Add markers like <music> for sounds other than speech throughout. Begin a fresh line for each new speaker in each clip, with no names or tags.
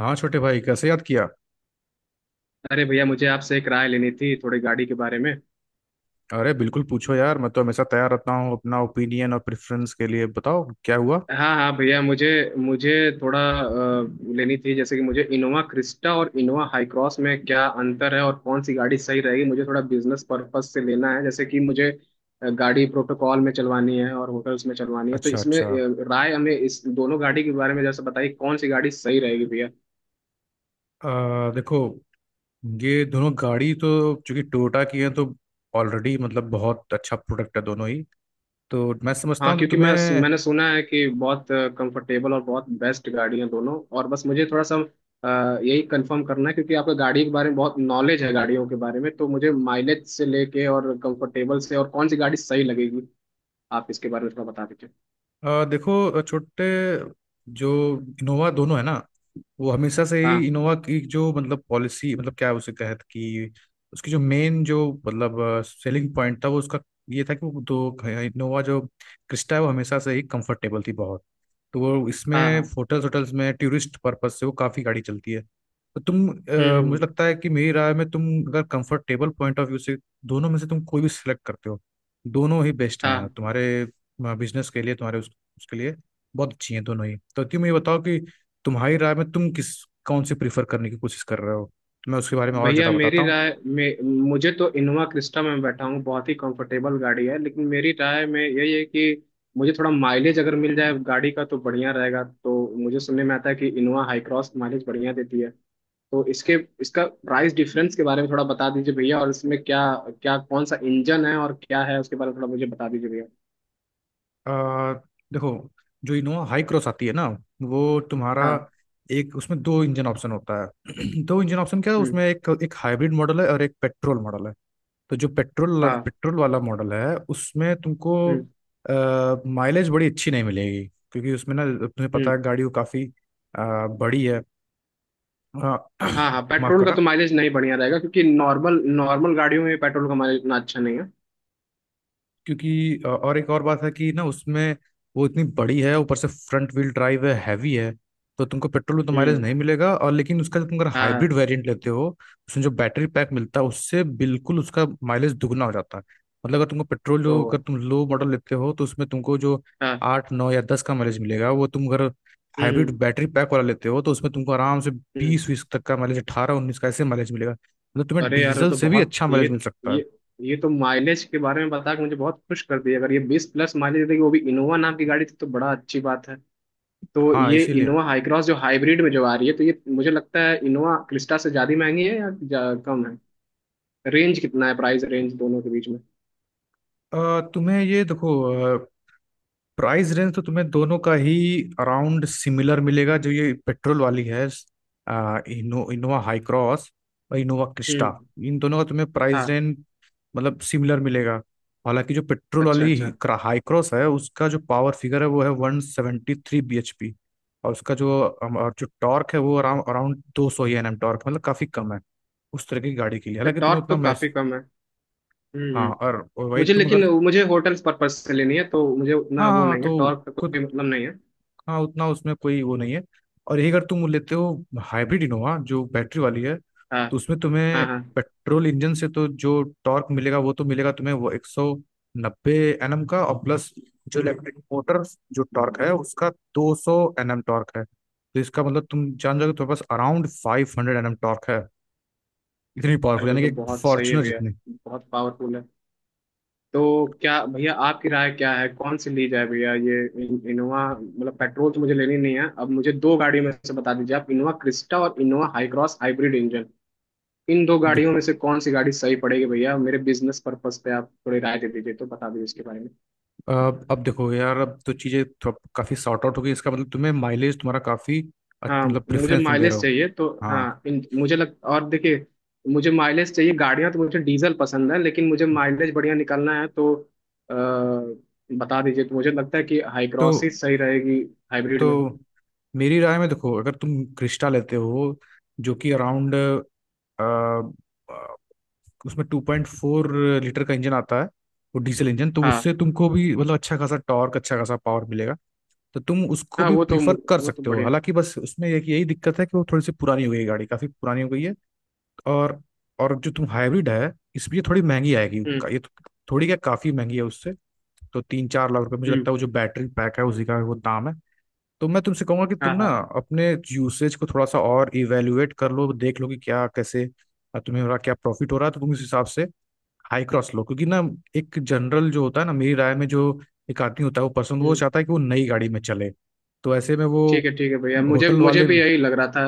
हाँ छोटे भाई, कैसे याद किया।
अरे भैया मुझे आपसे एक राय लेनी थी थोड़ी गाड़ी के बारे में।
अरे बिल्कुल पूछो यार, मैं तो हमेशा तैयार रहता हूँ अपना ओपिनियन और प्रेफरेंस के लिए। बताओ क्या हुआ।
हाँ हाँ भैया मुझे मुझे थोड़ा लेनी थी जैसे कि मुझे इनोवा क्रिस्टा और इनोवा हाई क्रॉस में क्या अंतर है और कौन सी गाड़ी सही रहेगी मुझे थोड़ा बिजनेस पर्पज से लेना है जैसे कि मुझे गाड़ी प्रोटोकॉल में चलवानी है और होटल्स में चलवानी है तो
अच्छा
इसमें
अच्छा।
राय हमें इस दोनों गाड़ी के बारे में जैसे बताइए कौन सी गाड़ी सही रहेगी भैया।
देखो, ये दोनों गाड़ी तो चूंकि टोयोटा की है तो ऑलरेडी मतलब बहुत अच्छा प्रोडक्ट है दोनों ही। तो मैं समझता
हाँ
हूँ तो
क्योंकि मैं
तुम्हें
मैंने सुना है कि बहुत कंफर्टेबल और बहुत बेस्ट गाड़ी है दोनों, और बस मुझे थोड़ा सा यही कंफर्म करना है क्योंकि आपका गाड़ी के बारे में बहुत नॉलेज है गाड़ियों के बारे में, तो मुझे माइलेज से लेके और कंफर्टेबल से और कौन सी गाड़ी सही लगेगी आप इसके बारे में थोड़ा बता दीजिए।
देखो छोटे, जो इनोवा दोनों है ना, वो हमेशा से ही
हाँ
इनोवा की जो मतलब पॉलिसी मतलब क्या उसे कहते कि उसकी जो मेन जो मतलब सेलिंग पॉइंट था वो उसका ये था कि वो दो इनोवा जो क्रिस्टा है वो हमेशा से ही कंफर्टेबल थी बहुत। तो वो
हाँ
इसमें
हाँ।
होटल्स होटल्स में टूरिस्ट पर्पस से वो काफ़ी गाड़ी चलती है। तो तुम
हम्म
मुझे
हम्म,
लगता है कि मेरी राय में तुम अगर कंफर्टेबल पॉइंट ऑफ व्यू से दोनों में से तुम कोई भी सिलेक्ट करते हो, दोनों ही बेस्ट हैं
हाँ।
तुम्हारे बिजनेस के लिए। तुम्हारे उसके लिए बहुत अच्छी हैं दोनों ही। तो तुम ये बताओ कि तुम्हारी राय में तुम किस कौन सी प्रीफर करने की कोशिश कर रहे हो, मैं उसके बारे में और
भैया
ज़्यादा
मेरी
बताता हूँ।
राय में मुझे तो इनोवा क्रिस्टा में बैठा हूँ बहुत ही कंफर्टेबल गाड़ी है, लेकिन मेरी राय में यही है कि मुझे थोड़ा माइलेज अगर मिल जाए गाड़ी का तो बढ़िया रहेगा। तो मुझे सुनने में आता है कि इनोवा हाई क्रॉस माइलेज बढ़िया देती है, तो इसके इसका प्राइस डिफरेंस के बारे में थोड़ा बता दीजिए भैया, और इसमें क्या क्या कौन सा इंजन है और क्या है उसके बारे में थोड़ा मुझे बता दीजिए भैया।
आ, देखो, जो इनोवा हाई क्रॉस आती है ना, वो तुम्हारा
हाँ।
एक उसमें दो इंजन ऑप्शन होता है। <clears throat> दो इंजन ऑप्शन क्या है,
हम्म।
उसमें एक एक हाइब्रिड मॉडल है और एक पेट्रोल मॉडल है। तो जो पेट्रोल
हाँ।
पेट्रोल वाला मॉडल है उसमें तुमको
हम्म
माइलेज बड़ी अच्छी नहीं मिलेगी, क्योंकि उसमें ना, तुम्हें पता
हम्म।
है गाड़ी वो काफ़ी बड़ी है। आ,
हाँ
<clears throat>
हाँ,
माफ
पेट्रोल का
करना,
तो माइलेज नहीं बढ़िया रहेगा क्योंकि नॉर्मल नॉर्मल गाड़ियों में पेट्रोल का माइलेज इतना अच्छा नहीं है।
क्योंकि और एक और बात है कि ना, उसमें वो इतनी बड़ी है, ऊपर से फ्रंट व्हील ड्राइव है, हैवी है। तो तुमको पेट्रोल में तो माइलेज
हम्म।
नहीं मिलेगा, और लेकिन उसका जो तुम अगर हाइब्रिड
हाँ।
वेरिएंट लेते हो उसमें जो बैटरी पैक मिलता है उससे बिल्कुल उसका माइलेज दुगना हो जाता है। मतलब अगर तुमको पेट्रोल
ओ।
जो अगर तुम लो मॉडल लेते हो तो उसमें तुमको जो
हाँ।
8, 9 या 10 का माइलेज मिलेगा, वो तुम अगर हाइब्रिड
हम्म
बैटरी पैक वाला लेते हो तो उसमें तुमको आराम से
हम्म।
बीस बीस तक का माइलेज, 18, 19 का, ऐसे माइलेज मिलेगा, मतलब तुम्हें
अरे यार ये
डीजल
तो
से भी
बहुत
अच्छा माइलेज मिल सकता है।
ये ये तो माइलेज के बारे में बता के मुझे बहुत खुश कर दिया। अगर ये 20 प्लस माइलेज देगी वो भी इनोवा नाम की गाड़ी थी तो बड़ा अच्छी बात है। तो
हाँ
ये
इसीलिए
इनोवा हाई क्रॉस जो हाइब्रिड में जो आ रही है, तो ये मुझे लगता है इनोवा क्रिस्टा से ज्यादा महंगी है या कम है। रेंज कितना है प्राइस रेंज दोनों के बीच में।
तुम्हें ये देखो, प्राइस रेंज तो तुम्हें दोनों का ही अराउंड सिमिलर मिलेगा। जो ये पेट्रोल वाली है, इनोवा हाई क्रॉस और इनोवा
हम्म।
क्रिस्टा, इन दोनों का तुम्हें प्राइस
हाँ।
रेंज मतलब सिमिलर मिलेगा। हालांकि जो पेट्रोल
अच्छा
वाली
अच्छा।
हाई क्रॉस है उसका जो पावर फिगर है वो है 173 BHP, और उसका जो और जो टॉर्क है वो अराउंड अराउंड 200 Nm टॉर्क, मतलब काफी कम है उस तरह की गाड़ी के लिए।
तो
हालांकि तुम्हें
टॉर्क
उतना
तो
महस।
काफी कम है। हम्म
हाँ
हम्म।
और वही
मुझे,
तुम अगर।
लेकिन मुझे होटल्स पर्पज से लेनी है तो मुझे उतना
हाँ हाँ
वो
हाँ,
नहीं है,
तो
टॉर्क का
कुछ,
कोई मतलब नहीं है।
हाँ उतना उसमें कोई वो नहीं है। और यही अगर तुम लेते हो हाइब्रिड इनोवा जो बैटरी वाली है,
हाँ
तो उसमें
हाँ
तुम्हें
हाँ,
पेट्रोल इंजन से तो जो टॉर्क मिलेगा वो तो मिलेगा तुम्हें, वो 190 Nm का, और प्लस जो इलेक्ट्रिक मोटर जो टॉर्क है उसका 200 Nm टॉर्क है, तो इसका मतलब तुम जान जाओगे तुम्हारे पास अराउंड 500 Nm टॉर्क है, इतनी
अरे
पावरफुल,
तो,
यानी
तो
कि
बहुत सही है
फॉर्चुनर
भैया,
जितनी।
बहुत पावरफुल है। तो क्या भैया आपकी राय क्या है कौन सी ली जाए भैया? ये इनोवा मतलब पेट्रोल तो मुझे लेनी नहीं है, अब मुझे दो गाड़ियों में से बता दीजिए आप, इनोवा क्रिस्टा और Innova Hycross hybrid engine, इन दो गाड़ियों में से कौन सी गाड़ी सही पड़ेगी भैया मेरे बिजनेस पर्पस पे? आप थोड़ी राय दे दीजिए तो बता दीजिए इसके बारे में।
अब देखो यार, अब तो चीजें काफी सॉर्ट आउट हो गई, इसका मतलब तुम्हें माइलेज तुम्हारा काफी
हाँ,
मतलब
मुझे
प्रेफरेंस तुम दे रहे
माइलेज
हो।
चाहिए तो
हाँ,
हाँ मुझे लग और देखिए, मुझे माइलेज चाहिए गाड़ियाँ, तो मुझे डीजल पसंद है लेकिन मुझे माइलेज बढ़िया निकालना है तो आ, बता दीजिए। तो मुझे लगता है कि
तो
हाईक्रॉस ही सही रहेगी हाइब्रिड में।
तो मेरी राय में देखो, अगर तुम क्रिस्टा लेते हो जो कि अराउंड उसमें 2.4 लीटर का इंजन आता है, वो डीजल इंजन, तो
हाँ
उससे तुमको भी मतलब अच्छा खासा टॉर्क, अच्छा खासा पावर मिलेगा। तो तुम उसको
हाँ।
भी प्रीफर कर
वो तो
सकते हो,
बढ़िया।
हालांकि बस उसमें एक यही दिक्कत है कि वो थोड़ी सी पुरानी हो गई है, गाड़ी काफी पुरानी हो गई है। और और जो तुम हाइब्रिड है इसमें ये थोड़ी महंगी आएगी।
हम्म
ये तो थोड़ी क्या काफी महंगी है उससे। तो 3, 4 लाख रुपए मुझे लगता है
हम्म।
वो जो बैटरी पैक है उसी का वो दाम है। तो मैं तुमसे कहूंगा कि तुम
हाँ
ना,
हाँ।
अपने यूसेज को थोड़ा सा और इवेल्युएट कर लो, देख लो कि क्या कैसे तुम्हें हो रहा, क्या प्रॉफिट हो रहा है, तो तुम इस हिसाब से हाई क्रॉस लो। क्योंकि ना, एक जनरल जो होता है ना, मेरी राय में जो एक आदमी होता है, वो पर्सन वो
हम्म।
चाहता है कि वो नई गाड़ी में चले। तो ऐसे में वो
ठीक है भैया, मुझे
होटल
मुझे
वाले,
भी यही लग रहा था।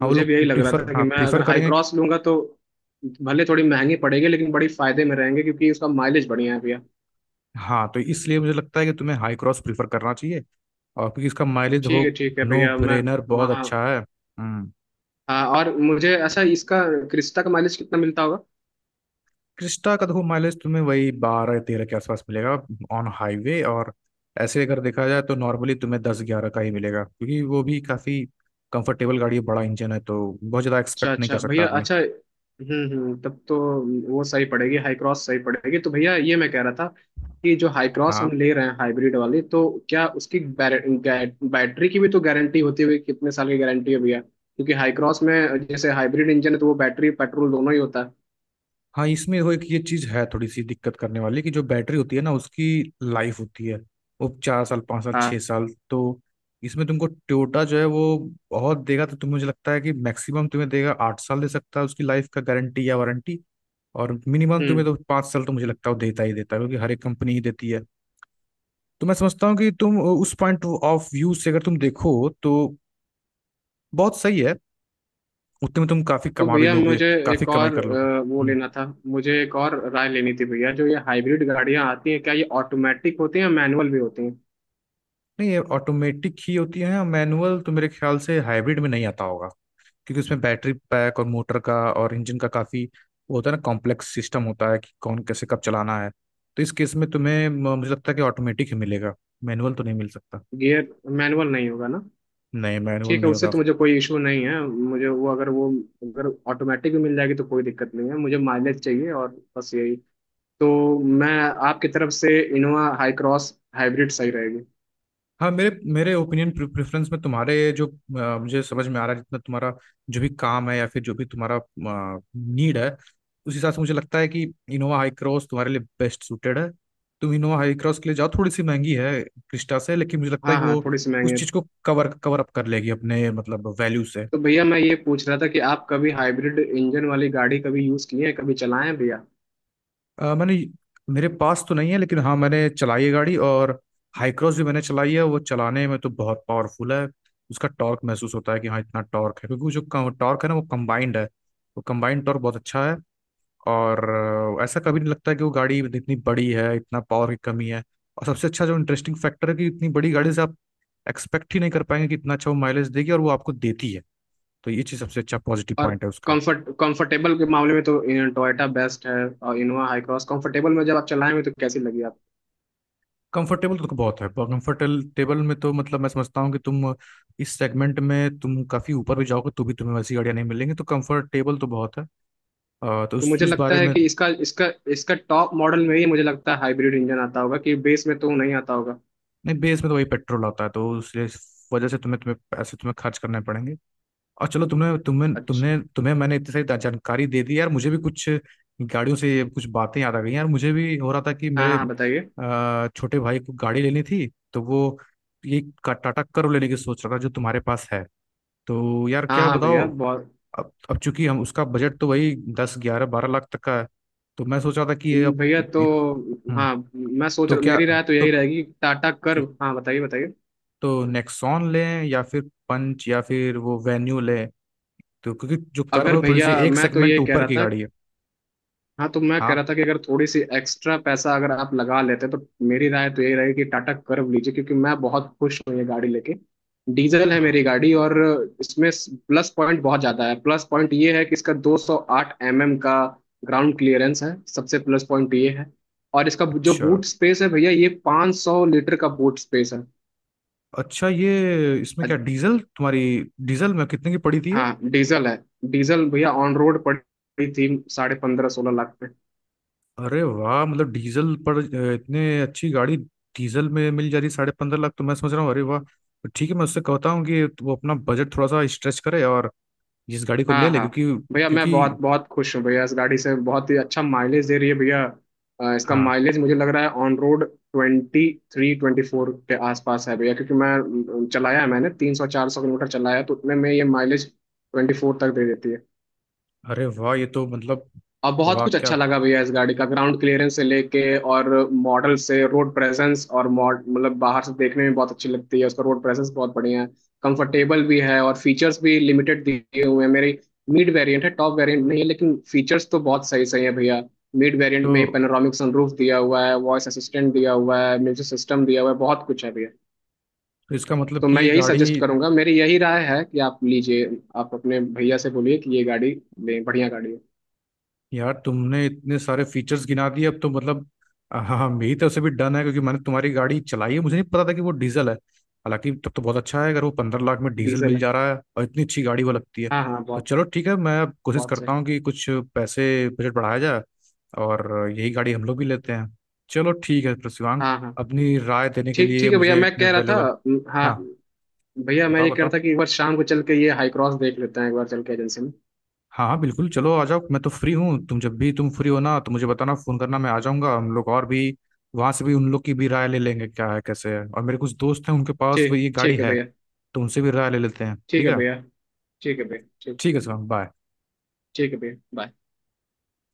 हाँ वो
मुझे
लोग
भी यही लग रहा
प्रीफर,
था कि
हाँ
मैं
प्रीफर
अगर हाई
करेंगे।
क्रॉस लूंगा तो भले थोड़ी महंगी पड़ेगी, लेकिन बड़ी फायदे में रहेंगे क्योंकि उसका माइलेज बढ़िया है भैया।
हाँ, तो इसलिए मुझे लगता है कि तुम्हें हाई क्रॉस प्रीफर करना चाहिए। और क्योंकि इसका माइलेज हो,
ठीक है
नो
भैया मैं,
ब्रेनर, बहुत
हाँ
अच्छा है। हम्म।
हाँ, और मुझे अच्छा इसका क्रिस्टा का माइलेज कितना मिलता होगा?
क्रिस्टा का देखो माइलेज तुम्हें वही 12, 13 के आसपास मिलेगा ऑन हाईवे, और ऐसे अगर देखा जाए तो नॉर्मली तुम्हें 10, 11 का ही मिलेगा, क्योंकि वो भी काफी कंफर्टेबल गाड़ी है, बड़ा इंजन है तो बहुत ज्यादा
अच्छा
एक्सपेक्ट नहीं
अच्छा
कर सकता
भैया,
आदमी।
अच्छा। हम्म, तब तो वो सही पड़ेगी, हाई क्रॉस सही पड़ेगी। तो भैया ये मैं कह रहा था कि जो हाई क्रॉस
हाँ
हम ले रहे हैं हाइब्रिड वाली, तो क्या उसकी बैटरी की भी तो गारंटी होती हुई कितने साल की गारंटी है भैया, क्योंकि हाई क्रॉस में जैसे हाइब्रिड इंजन है तो वो बैटरी पेट्रोल दोनों ही होता है।
हाँ। इसमें वो एक ये चीज है थोड़ी सी दिक्कत करने वाली कि जो बैटरी होती है ना, उसकी लाइफ होती है वो चार साल पाँच साल छः
हाँ।
साल तो इसमें तुमको टोयोटा जो है वो बहुत देगा, तो तुम्हें मुझे लगता है कि मैक्सिमम तुम्हें देगा 8 साल दे सकता है उसकी लाइफ का गारंटी या वारंटी। और मिनिमम तुम्हें
हम्म।
तो 5 साल तो मुझे लगता है वो देता ही देता है, क्योंकि हर एक कंपनी ही देती है। तो मैं समझता हूँ कि तुम उस पॉइंट ऑफ व्यू से अगर तुम देखो तो बहुत सही है, उतने में तुम काफी
तो
कमा भी
भैया
लोगे,
मुझे
काफी
एक
कमाई
और
कर लोगे।
वो
हम्म।
लेना था, मुझे एक और राय लेनी थी भैया, जो ये हाइब्रिड गाड़ियां आती हैं क्या ये ऑटोमेटिक होती हैं या मैनुअल भी होती हैं?
नहीं, ये ऑटोमेटिक ही होती है, मैनुअल तो मेरे ख्याल से हाइब्रिड में नहीं आता होगा, क्योंकि उसमें बैटरी पैक और मोटर का और इंजन का काफ़ी वो होता है ना, कॉम्प्लेक्स सिस्टम होता है कि कौन कैसे कब चलाना है। तो इस केस में तुम्हें मुझे लगता है कि ऑटोमेटिक ही मिलेगा, मैनुअल तो नहीं मिल सकता।
गियर मैनुअल नहीं होगा ना?
नहीं, मैनुअल
ठीक है,
नहीं
उससे
होगा।
तो मुझे कोई इशू नहीं है मुझे, वो अगर ऑटोमेटिक भी मिल जाएगी तो कोई दिक्कत नहीं है, मुझे माइलेज चाहिए और बस यही। तो मैं, आपकी तरफ से इनोवा हाई क्रॉस हाइब्रिड सही रहेगी।
हाँ मेरे मेरे ओपिनियन प्रेफरेंस में तुम्हारे जो मुझे समझ में आ रहा है जितना तुम्हारा जो भी काम है या फिर जो भी तुम्हारा नीड है, उस हिसाब से मुझे लगता है कि इनोवा हाई क्रॉस तुम्हारे लिए बेस्ट सूटेड है। तुम इनोवा हाई क्रॉस के लिए जाओ, थोड़ी सी महंगी है क्रिस्टा से, लेकिन मुझे लगता है
हाँ
कि
हाँ
वो
थोड़ी सी महंगी
उस
है।
चीज को कवर कवर अप कर लेगी अपने मतलब वैल्यू से।
तो भैया मैं ये पूछ रहा था कि आप कभी हाइब्रिड इंजन वाली गाड़ी कभी यूज़ किए हैं कभी चलाएं हैं भैया?
मैंने, मेरे पास तो नहीं है, लेकिन हाँ मैंने चलाई है गाड़ी, और हाई क्रॉस भी मैंने चलाई है, वो चलाने में तो बहुत पावरफुल है। उसका टॉर्क महसूस होता है कि हाँ इतना टॉर्क है, क्योंकि वो जो टॉर्क है ना वो कंबाइंड है, वो कंबाइंड टॉर्क बहुत अच्छा है। और ऐसा कभी नहीं लगता है कि वो गाड़ी इतनी बड़ी है, इतना पावर की कमी है। और सबसे अच्छा जो इंटरेस्टिंग फैक्टर है कि इतनी बड़ी गाड़ी से आप एक्सपेक्ट ही नहीं कर पाएंगे कि इतना अच्छा वो माइलेज देगी, और वो आपको देती है। तो ये चीज़ सबसे अच्छा पॉजिटिव
और
पॉइंट है उसका।
कंफर्टेबल के मामले में तो टोयोटा बेस्ट है, और इनोवा हाई क्रॉस कंफर्टेबल में जब आप चलाएंगे तो कैसी लगी आप?
कंफर्टेबल तो बहुत है, कंफर्टेबल टेबल में तो मतलब मैं समझता हूँ कि तुम इस सेगमेंट में तुम काफ़ी ऊपर भी जाओगे तो भी तुम्हें वैसी गाड़ियाँ नहीं मिलेंगी, तो कंफर्टेबल तो बहुत है। तो
तो
उस
मुझे
उस
लगता
बारे
है
में।
कि इसका इसका इसका टॉप मॉडल में ही मुझे लगता है हाइब्रिड इंजन आता होगा, कि बेस में तो नहीं आता होगा।
नहीं, बेस में तो वही पेट्रोल आता है, तो उसलिए इस वजह से तुम्हें तुम्हें पैसे तुम्हें खर्च करने पड़ेंगे। और चलो,
अच्छा।
तुमने तुम्हें मैंने इतनी सारी जानकारी दे दी यार, मुझे भी कुछ गाड़ियों से ये कुछ बातें याद आ गई। यार मुझे भी हो रहा था कि मेरे
हाँ हाँ बताइए।
छोटे भाई को गाड़ी लेनी थी, तो वो ये टाटा कर्व लेने की सोच रहा था जो तुम्हारे पास है। तो यार
हाँ
क्या
हाँ
बताओ।
भैया, बहुत
अब चूंकि हम उसका बजट तो वही 10, 11, 12 लाख तक का है, तो मैं सोच रहा था कि ये अब।
भैया तो।
हम्म।
हाँ मैं सोच
तो
रहा,
क्या,
मेरी राय तो
तो
यही रहेगी टाटा कर्व। हाँ बताइए बताइए।
तो नेक्सॉन लें या फिर पंच या फिर वो वेन्यू लें, तो क्योंकि जो कर्व
अगर
है वो थोड़ी सी
भैया,
एक
मैं तो ये
सेगमेंट
कह
ऊपर
रहा
की
था,
गाड़ी है।
हाँ, तो मैं कह रहा
हाँ
था कि अगर थोड़ी सी एक्स्ट्रा पैसा अगर आप लगा लेते तो मेरी राय तो यही रहेगी कि टाटा कर्व लीजिए, क्योंकि मैं बहुत खुश हूँ ये गाड़ी लेके। डीजल है
हाँ।
मेरी गाड़ी, और इसमें प्लस पॉइंट बहुत ज़्यादा है। प्लस पॉइंट ये है कि इसका 208 mm का ग्राउंड क्लियरेंस है, सबसे प्लस पॉइंट ये है। और इसका जो
अच्छा
बूट स्पेस है भैया, ये 500 लीटर का बूट स्पेस है।
अच्छा, ये इसमें क्या
अज-
डीजल तुम्हारी, डीजल में कितने की पड़ी थी।
हाँ डीजल है। डीजल भैया ऑन रोड पड़ी थी 15.5-16 लाख पे।
अरे वाह, मतलब डीजल पर इतने अच्छी गाड़ी डीजल में मिल जा रही है 15.5 लाख, तो मैं सोच रहा हूँ अरे वाह, तो ठीक है मैं उससे कहता हूँ कि वो अपना बजट थोड़ा सा स्ट्रेच करे और इस गाड़ी को
हाँ
ले ले
हाँ
क्योंकि
भैया, मैं बहुत
क्योंकि,
बहुत खुश हूँ भैया इस गाड़ी से, बहुत ही अच्छा माइलेज दे रही है भैया। इसका
हाँ।
माइलेज मुझे लग रहा है ऑन रोड 23-24 के आसपास है भैया, क्योंकि मैं चलाया है, मैंने 300-400 किलोमीटर चलाया है, तो उतने में ये माइलेज 24 तक दे देती है।
अरे वाह, ये तो मतलब
अब बहुत
वाह
कुछ
क्या।
अच्छा लगा भैया इस गाड़ी का, ग्राउंड क्लियरेंस से लेके और मॉडल से, रोड प्रेजेंस, और मॉड मतलब बाहर से देखने में बहुत अच्छी लगती है, उसका रोड प्रेजेंस बहुत बढ़िया है। कंफर्टेबल भी है, और फीचर्स भी लिमिटेड दिए हुए हैं। मेरी मिड वेरिएंट है, टॉप वेरिएंट नहीं है, लेकिन फीचर्स तो बहुत सही सही है भैया। मिड वेरिएंट
तो
में पेनोरामिक सनरूफ दिया हुआ है, वॉइस असिस्टेंट दिया हुआ है, म्यूजिक सिस्टम दिया हुआ है, बहुत कुछ है भैया।
इसका मतलब
तो
कि
मैं
ये
यही सजेस्ट
गाड़ी।
करूंगा, मेरी यही राय है कि आप लीजिए, आप अपने भैया से बोलिए कि ये गाड़ी लें, बढ़िया गाड़ी है।
यार तुमने इतने सारे फीचर्स गिना दिए अब तो मतलब, हाँ हाँ, मेरी तरफ से भी डन है, क्योंकि मैंने तुम्हारी गाड़ी चलाई है, मुझे नहीं पता था कि वो डीजल है, हालांकि तब तो बहुत अच्छा है अगर वो 15 लाख में डीजल
डीजल
मिल
है।
जा रहा है और इतनी अच्छी गाड़ी वो लगती है।
हाँ हाँ
तो
बहुत,
चलो ठीक है, मैं अब कोशिश
बहुत सही।
करता हूँ कि कुछ पैसे, बजट बढ़ाया जाए, और यही गाड़ी हम लोग भी लेते हैं। चलो ठीक है शिवांग,
हाँ हाँ।
अपनी राय देने के
ठीक
लिए
ठीक है भैया,
मुझे
मैं
इतने
कह रहा था,
वैल्यूबल।
हाँ,
हाँ
भैया मैं
बताओ
ये कह रहा
बताओ।
था कि एक बार शाम को चल के ये हाई क्रॉस देख लेते हैं, एक बार चल के एजेंसी में।
हाँ हाँ, बिल्कुल चलो आ जाओ, मैं तो फ्री हूँ, तुम जब भी तुम फ्री हो ना तो मुझे बताना, फोन करना, मैं आ जाऊंगा, हम लोग और भी वहां से भी उन लोग की भी राय ले लेंगे क्या है कैसे है, और मेरे कुछ दोस्त हैं उनके पास वो
ठीक
ये गाड़ी
ठीक है
है,
भैया।
तो उनसे भी राय ले लेते हैं,
ठीक
ठीक
है
है।
भैया। ठीक है भैया। ठीक
ठीक है सर, बाय।
ठीक है भैया, बाय।